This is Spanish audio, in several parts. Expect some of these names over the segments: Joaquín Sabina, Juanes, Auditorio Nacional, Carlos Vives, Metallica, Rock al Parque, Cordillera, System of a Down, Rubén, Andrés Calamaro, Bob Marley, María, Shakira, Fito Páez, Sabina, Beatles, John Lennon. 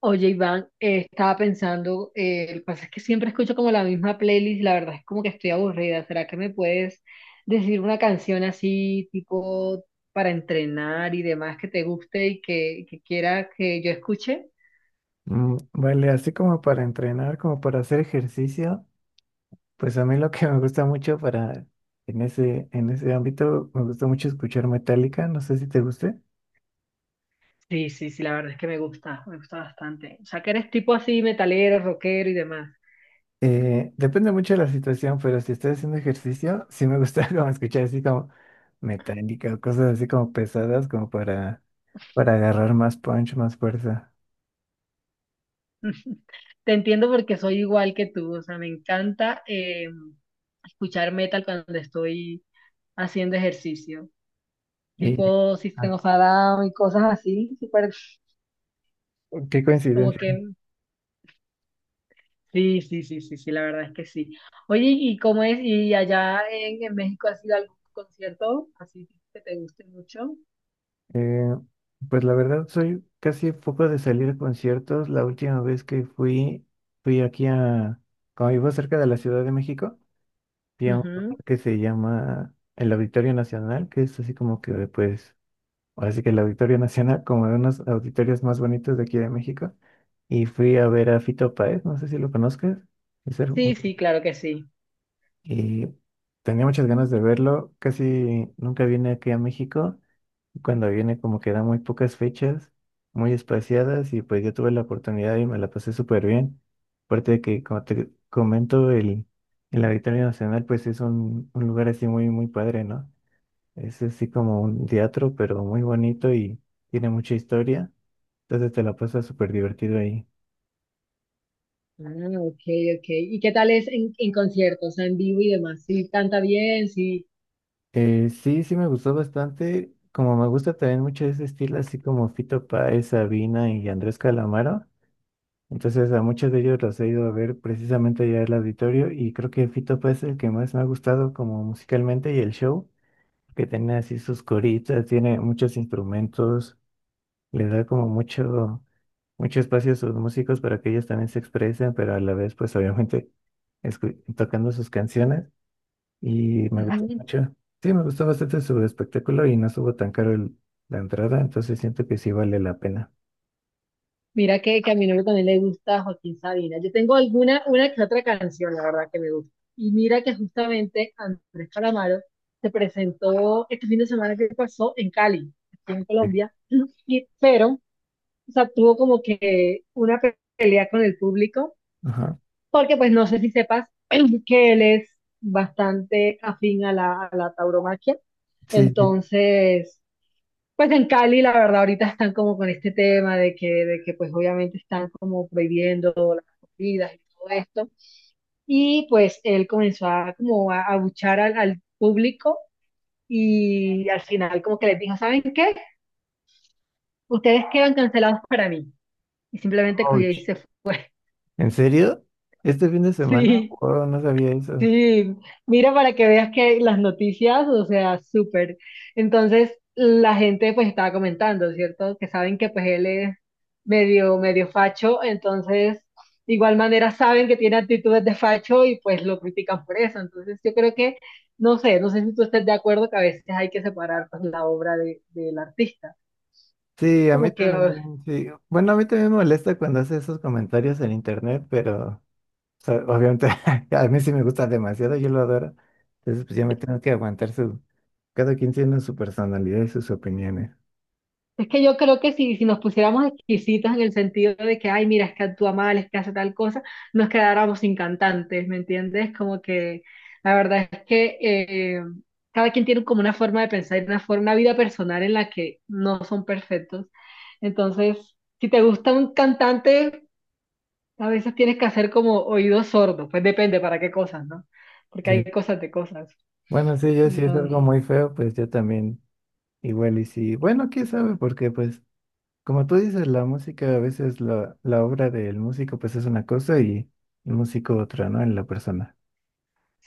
Oye, Iván, estaba pensando, lo que pasa es que siempre escucho como la misma playlist, la verdad es como que estoy aburrida. ¿Será que me puedes decir una canción así, tipo para entrenar y demás, que te guste y que quiera que yo escuche? Mm, vale, así como para entrenar, como para hacer ejercicio, pues a mí lo que me gusta mucho para en ese ámbito, me gusta mucho escuchar Metallica, no sé si te guste. Sí, sí, sí, la verdad es que me gusta bastante. O sea, que eres tipo así, metalero, rockero y demás. Depende mucho de la situación, pero si estoy haciendo ejercicio, sí me gusta como escuchar así como Metallica o cosas así como pesadas, como para agarrar más punch, más fuerza. Te entiendo porque soy igual que tú, o sea, me encanta escuchar metal cuando estoy haciendo ejercicio. Y Tipo System ah, of a Down y cosas así, súper, qué como coincidencia. que sí, sí, sí, sí, sí, la verdad es que sí. Oye, ¿y cómo es? ¿Y allá en México has ido a algún concierto así que te guste mucho? Eh, pues la verdad soy casi poco de salir a conciertos. La última vez que fui, fui aquí a, como vivo cerca de la Ciudad de México, fui a un Ujú. lugar que se llama el Auditorio Nacional, que es así como que pues, ahora sí que el Auditorio Nacional, como de unos auditorios más bonitos de aquí de México. Y fui a ver a Fito Páez, no sé si lo conozcas. es el- Sí, sí, claro que sí. Y tenía muchas ganas de verlo. Casi nunca viene aquí a México. Cuando viene como que da muy pocas fechas, muy espaciadas y pues yo tuve la oportunidad y me la pasé súper bien. Aparte de que, como te comento, el Auditorio Nacional pues es un lugar así muy, muy padre, ¿no? Es así como un teatro, pero muy bonito y tiene mucha historia. Entonces te la pasas súper divertido ahí. Ah, ok, ok. ¿Y qué tal es en conciertos, en vivo y demás? ¿Sí canta bien? Sí. Sí me gustó bastante. Como me gusta también mucho ese estilo, así como Fito Páez, Sabina y Andrés Calamaro. Entonces a muchos de ellos los he ido a ver precisamente allá al auditorio y creo que Fito Páez es el que más me ha gustado como musicalmente y el show que tiene así sus coritas, tiene muchos instrumentos, le da como mucho espacio a sus músicos para que ellos también se expresen, pero a la vez pues obviamente tocando sus canciones y me gustó Ujú. mucho. Sí, me gustó bastante su espectáculo y no estuvo tan caro la entrada, entonces siento que sí vale la pena. Mira que a mi novio también le gusta Joaquín Sabina. Yo tengo alguna, una que otra canción, la verdad, que me gusta. Y mira que justamente Andrés Calamaro se presentó este fin de semana que pasó en Cali, aquí en Sí. Colombia, y, pero, o sea, tuvo como que una pelea con el público, Ajá. porque pues no sé si sepas que él es bastante afín a la tauromaquia. Sí, sí. Entonces, pues en Cali, la verdad, ahorita están como con este tema de que pues obviamente están como prohibiendo las comidas y todo esto. Y pues él comenzó a como a abuchar al público y al final como que les dijo, ¿saben qué? Ustedes quedan cancelados para mí. Y simplemente cogió y Ouch. se fue. ¿En serio? ¿Este fin de semana? Sí. Oh, no sabía eso. Sí, mira para que veas que las noticias, o sea, súper. Entonces, la gente pues estaba comentando, ¿cierto? Que saben que pues él es medio, medio facho, entonces, de igual manera saben que tiene actitudes de facho y pues lo critican por eso. Entonces, yo creo que, no sé, no sé si tú estés de acuerdo que a veces hay que separar pues la obra del artista. Sí, a mí Como que también, sí. Bueno, a mí también me molesta cuando hace esos comentarios en internet, pero o sea, obviamente a mí sí me gusta demasiado, yo lo adoro. Entonces, pues ya me tengo que aguantar su... Cada quien tiene su personalidad y sus opiniones. es que yo creo que si nos pusiéramos exquisitas en el sentido de que, ay, mira, es que actúa mal, es que hace tal cosa, nos quedáramos sin cantantes, ¿me entiendes? Como que la verdad es que cada quien tiene como una forma de pensar y una forma, una vida personal en la que no son perfectos. Entonces, si te gusta un cantante, a veces tienes que hacer como oídos sordos, pues depende para qué cosas, ¿no? Porque hay Sí. cosas de cosas. Bueno, sí, yo si es algo muy feo, pues yo también igual y sí. Bueno, quién sabe, porque pues como tú dices, la música a veces la obra del músico pues es una cosa y el músico otra, ¿no? En la persona.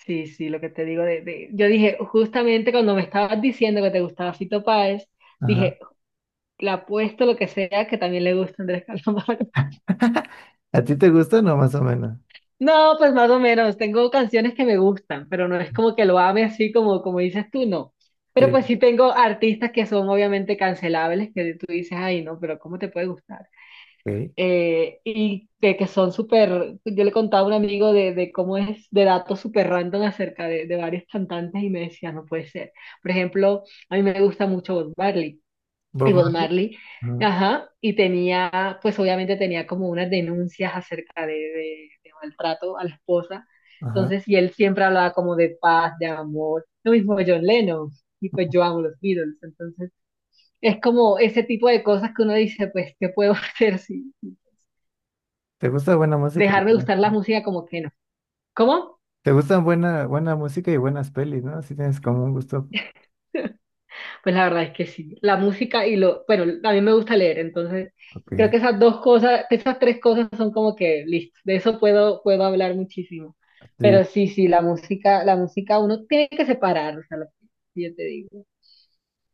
Sí, sí, lo que te digo yo dije, justamente cuando me estabas diciendo que te gustaba Fito Páez, dije, Ajá. le apuesto lo que sea que también le gusta Andrés Calamaro. ¿A ti te gusta, no? Más o menos. No, pues más o menos, tengo canciones que me gustan, pero no es como que lo ame así como, como dices tú, no. Pero pues Sí. sí tengo artistas que son obviamente cancelables, que tú dices, ay, no, pero ¿cómo te puede gustar? Ok. Y que son súper, yo le contaba a un amigo de cómo es, de datos súper random acerca de varios cantantes y me decía, no puede ser. Por ejemplo, a mí me gusta mucho Bob Marley. Y Bob Bob Marley. Marley, Ajá. ajá, y tenía, pues obviamente tenía como unas denuncias acerca de maltrato a la esposa. Ajá. Entonces, y él siempre hablaba como de paz, de amor, lo mismo que John Lennon. Y pues yo amo los Beatles, entonces es como ese tipo de cosas que uno dice, pues, ¿qué puedo hacer si, ¿Te gusta buena música? dejar de Y gustar la música como que no. ¿Cómo? ¿te gustan buena música y buenas pelis, no? Así tienes como un gusto. Pues la verdad es que sí. La música y lo, bueno, a mí me gusta leer, entonces creo Ok. que esas dos cosas, esas tres cosas son como que listo. De eso puedo hablar muchísimo. Sí. Pero sí, sí, la música uno tiene que separar, o sea, lo que yo te digo.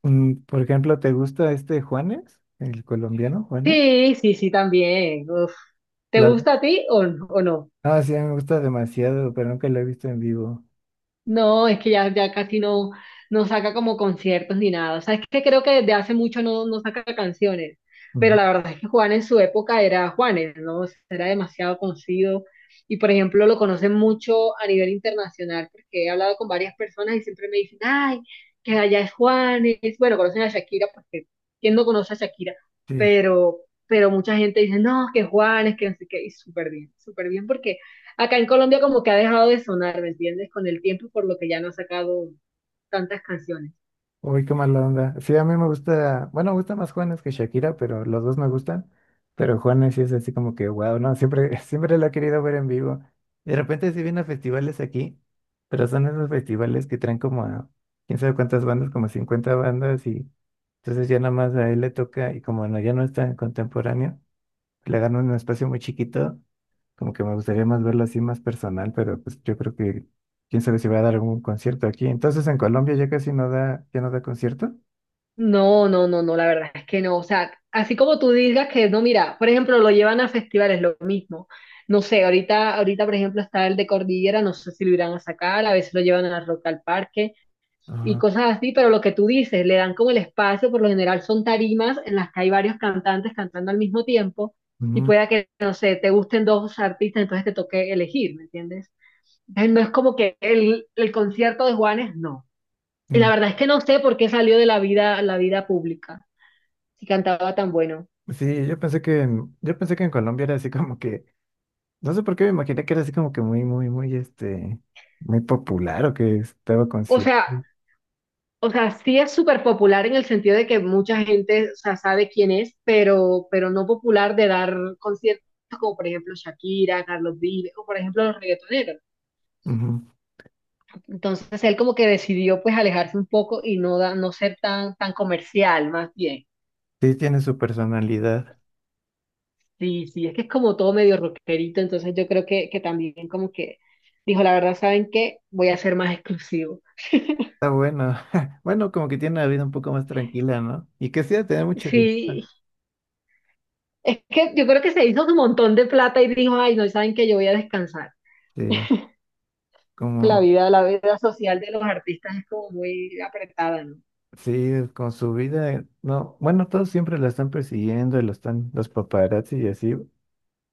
Mm, por ejemplo, ¿te gusta este Juanes? El colombiano Juanes. Sí, sí, sí, también. Uf. ¿Te La- gusta a ti o no? Ah, sí, a mí me gusta demasiado, pero nunca lo he visto en vivo. No, es que ya casi no, no saca como conciertos ni nada. O sea, es que creo que desde hace mucho no, no saca canciones. Pero Ujú. la verdad es que Juan en su época era Juanes, ¿no? O sea, era demasiado conocido. Y por ejemplo, lo conocen mucho a nivel internacional, porque he hablado con varias personas y siempre me dicen, ay, que allá es Juanes. Bueno, conocen a Shakira, porque ¿quién no conoce a Shakira? Sí. Pero, pero mucha gente dice, no, que Juanes, que no sé qué. Y súper bien, porque acá en Colombia como que ha dejado de sonar, ¿me entiendes? Con el tiempo, por lo que ya no ha sacado tantas canciones. Uy, qué mala onda. Sí, a mí me gusta, bueno, me gusta más Juanes que Shakira, pero los dos me gustan. Pero Juanes sí es así como que, wow, no, siempre, siempre lo he querido ver en vivo. De repente sí viene a festivales aquí, pero son esos festivales que traen como a quién sabe cuántas bandas, como 50 bandas, y entonces ya nada más a él le toca, y como no, ya no es tan contemporáneo, le dan un espacio muy chiquito, como que me gustaría más verlo así más personal, pero pues yo creo que quién sabe si va a dar algún concierto aquí. Entonces en Colombia ya casi no da, ya no da concierto. No, no, no, no, la verdad es que no. O sea, así como tú digas que no, mira, por ejemplo, lo llevan a festivales, lo mismo. No sé, ahorita, por ejemplo, está el de Cordillera, no sé si lo irán a sacar, a veces lo llevan a Rock al Parque y Ah, cosas así, pero lo que tú dices, le dan como el espacio, por lo general son tarimas en las que hay varios cantantes cantando al mismo tiempo y mm, pueda que, no sé, te gusten dos artistas, entonces te toque elegir, ¿me entiendes? No es como que el concierto de Juanes, no. Y la mm. verdad es que no sé por qué salió de la vida pública, si cantaba tan bueno. Sí, yo pensé que en Colombia era así como que, no sé por qué me imaginé que era así como que muy, muy, muy, muy popular o que estaba O sea, consciente. o sea, sí es súper popular en el sentido de que mucha gente, o sea, sabe quién es, pero no popular de dar conciertos como por ejemplo Shakira, Carlos Vives, o por ejemplo los reggaetoneros. Ujú. Entonces él como que decidió pues alejarse un poco y no, da, no ser tan, tan comercial, más bien. Sí, tiene su personalidad. Sí, sí, es que es como todo medio rockerito, entonces yo creo que también como que dijo, la verdad, ¿saben qué? Voy a ser más exclusivo. Está bueno. Bueno, como que tiene una vida un poco más tranquila, ¿no? Y que sí, ha de tener mucho, Sí, es que yo creo que se hizo un montón de plata y dijo, ay, no, ¿saben qué? Yo voy a descansar. este, como, La vida social de los artistas es como muy apretada, ¿no? sí, con su vida, no, bueno, todos siempre la están persiguiendo, y lo están, los paparazzi y así.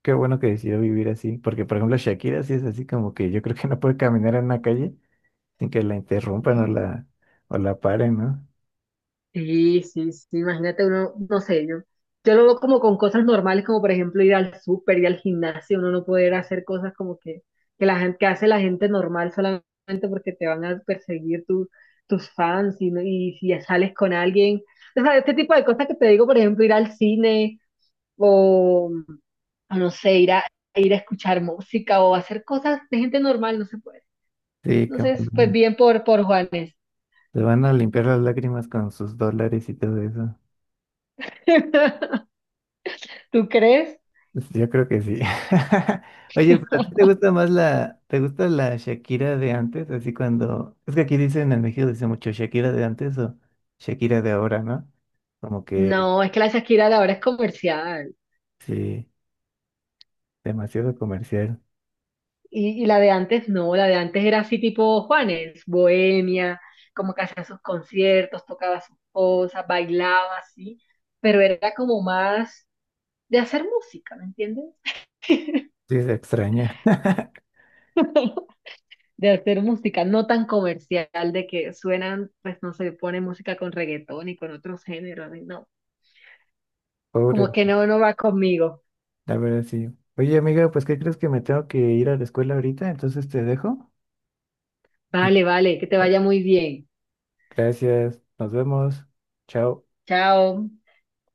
Qué bueno que decidió vivir así, porque por ejemplo Shakira sí es así como que yo creo que no puede caminar en una calle sin que la interrumpan o o la paren, ¿no? Sí, sí, sí, imagínate uno, no sé, yo lo veo como con cosas normales, como por ejemplo ir al súper, ir al gimnasio, uno no poder hacer cosas como que, la gente, que hace la gente normal solamente porque te van a perseguir tus fans y, y si ya sales con alguien. O sea, este tipo de cosas que te digo, por ejemplo, ir al cine o, o no sé, ir a escuchar música o hacer cosas de gente normal, no se puede. Sí, como Entonces, pues no, bien por Juanes. se van a limpiar las lágrimas con sus dólares y todo eso. ¿Tú crees? Pues, yo creo que sí. Oye, ¿pero a ti te gusta más te gusta la Shakira de antes? Así cuando, es que aquí dicen en México dice mucho Shakira de antes o Shakira de ahora, ¿no? Como que No, es que la Shakira de ahora es comercial. sí, demasiado comercial. Y la de antes no, la de antes era así tipo Juanes, bohemia, como que hacía sus conciertos, tocaba sus cosas, bailaba así, pero era como más de hacer música, ¿me entiendes? Sí, se extraña. De hacer música, no tan comercial, de que suenan, pues no sé, pone música con reggaetón y con otros géneros, y no, como Pobre. que no, no va conmigo. La verdad, sí. Oye, amiga, pues ¿qué crees que me tengo que ir a la escuela ahorita? Entonces te dejo. Y... Vale, vale, que te bueno, vaya muy bien. gracias. Nos vemos. Chao. Chao.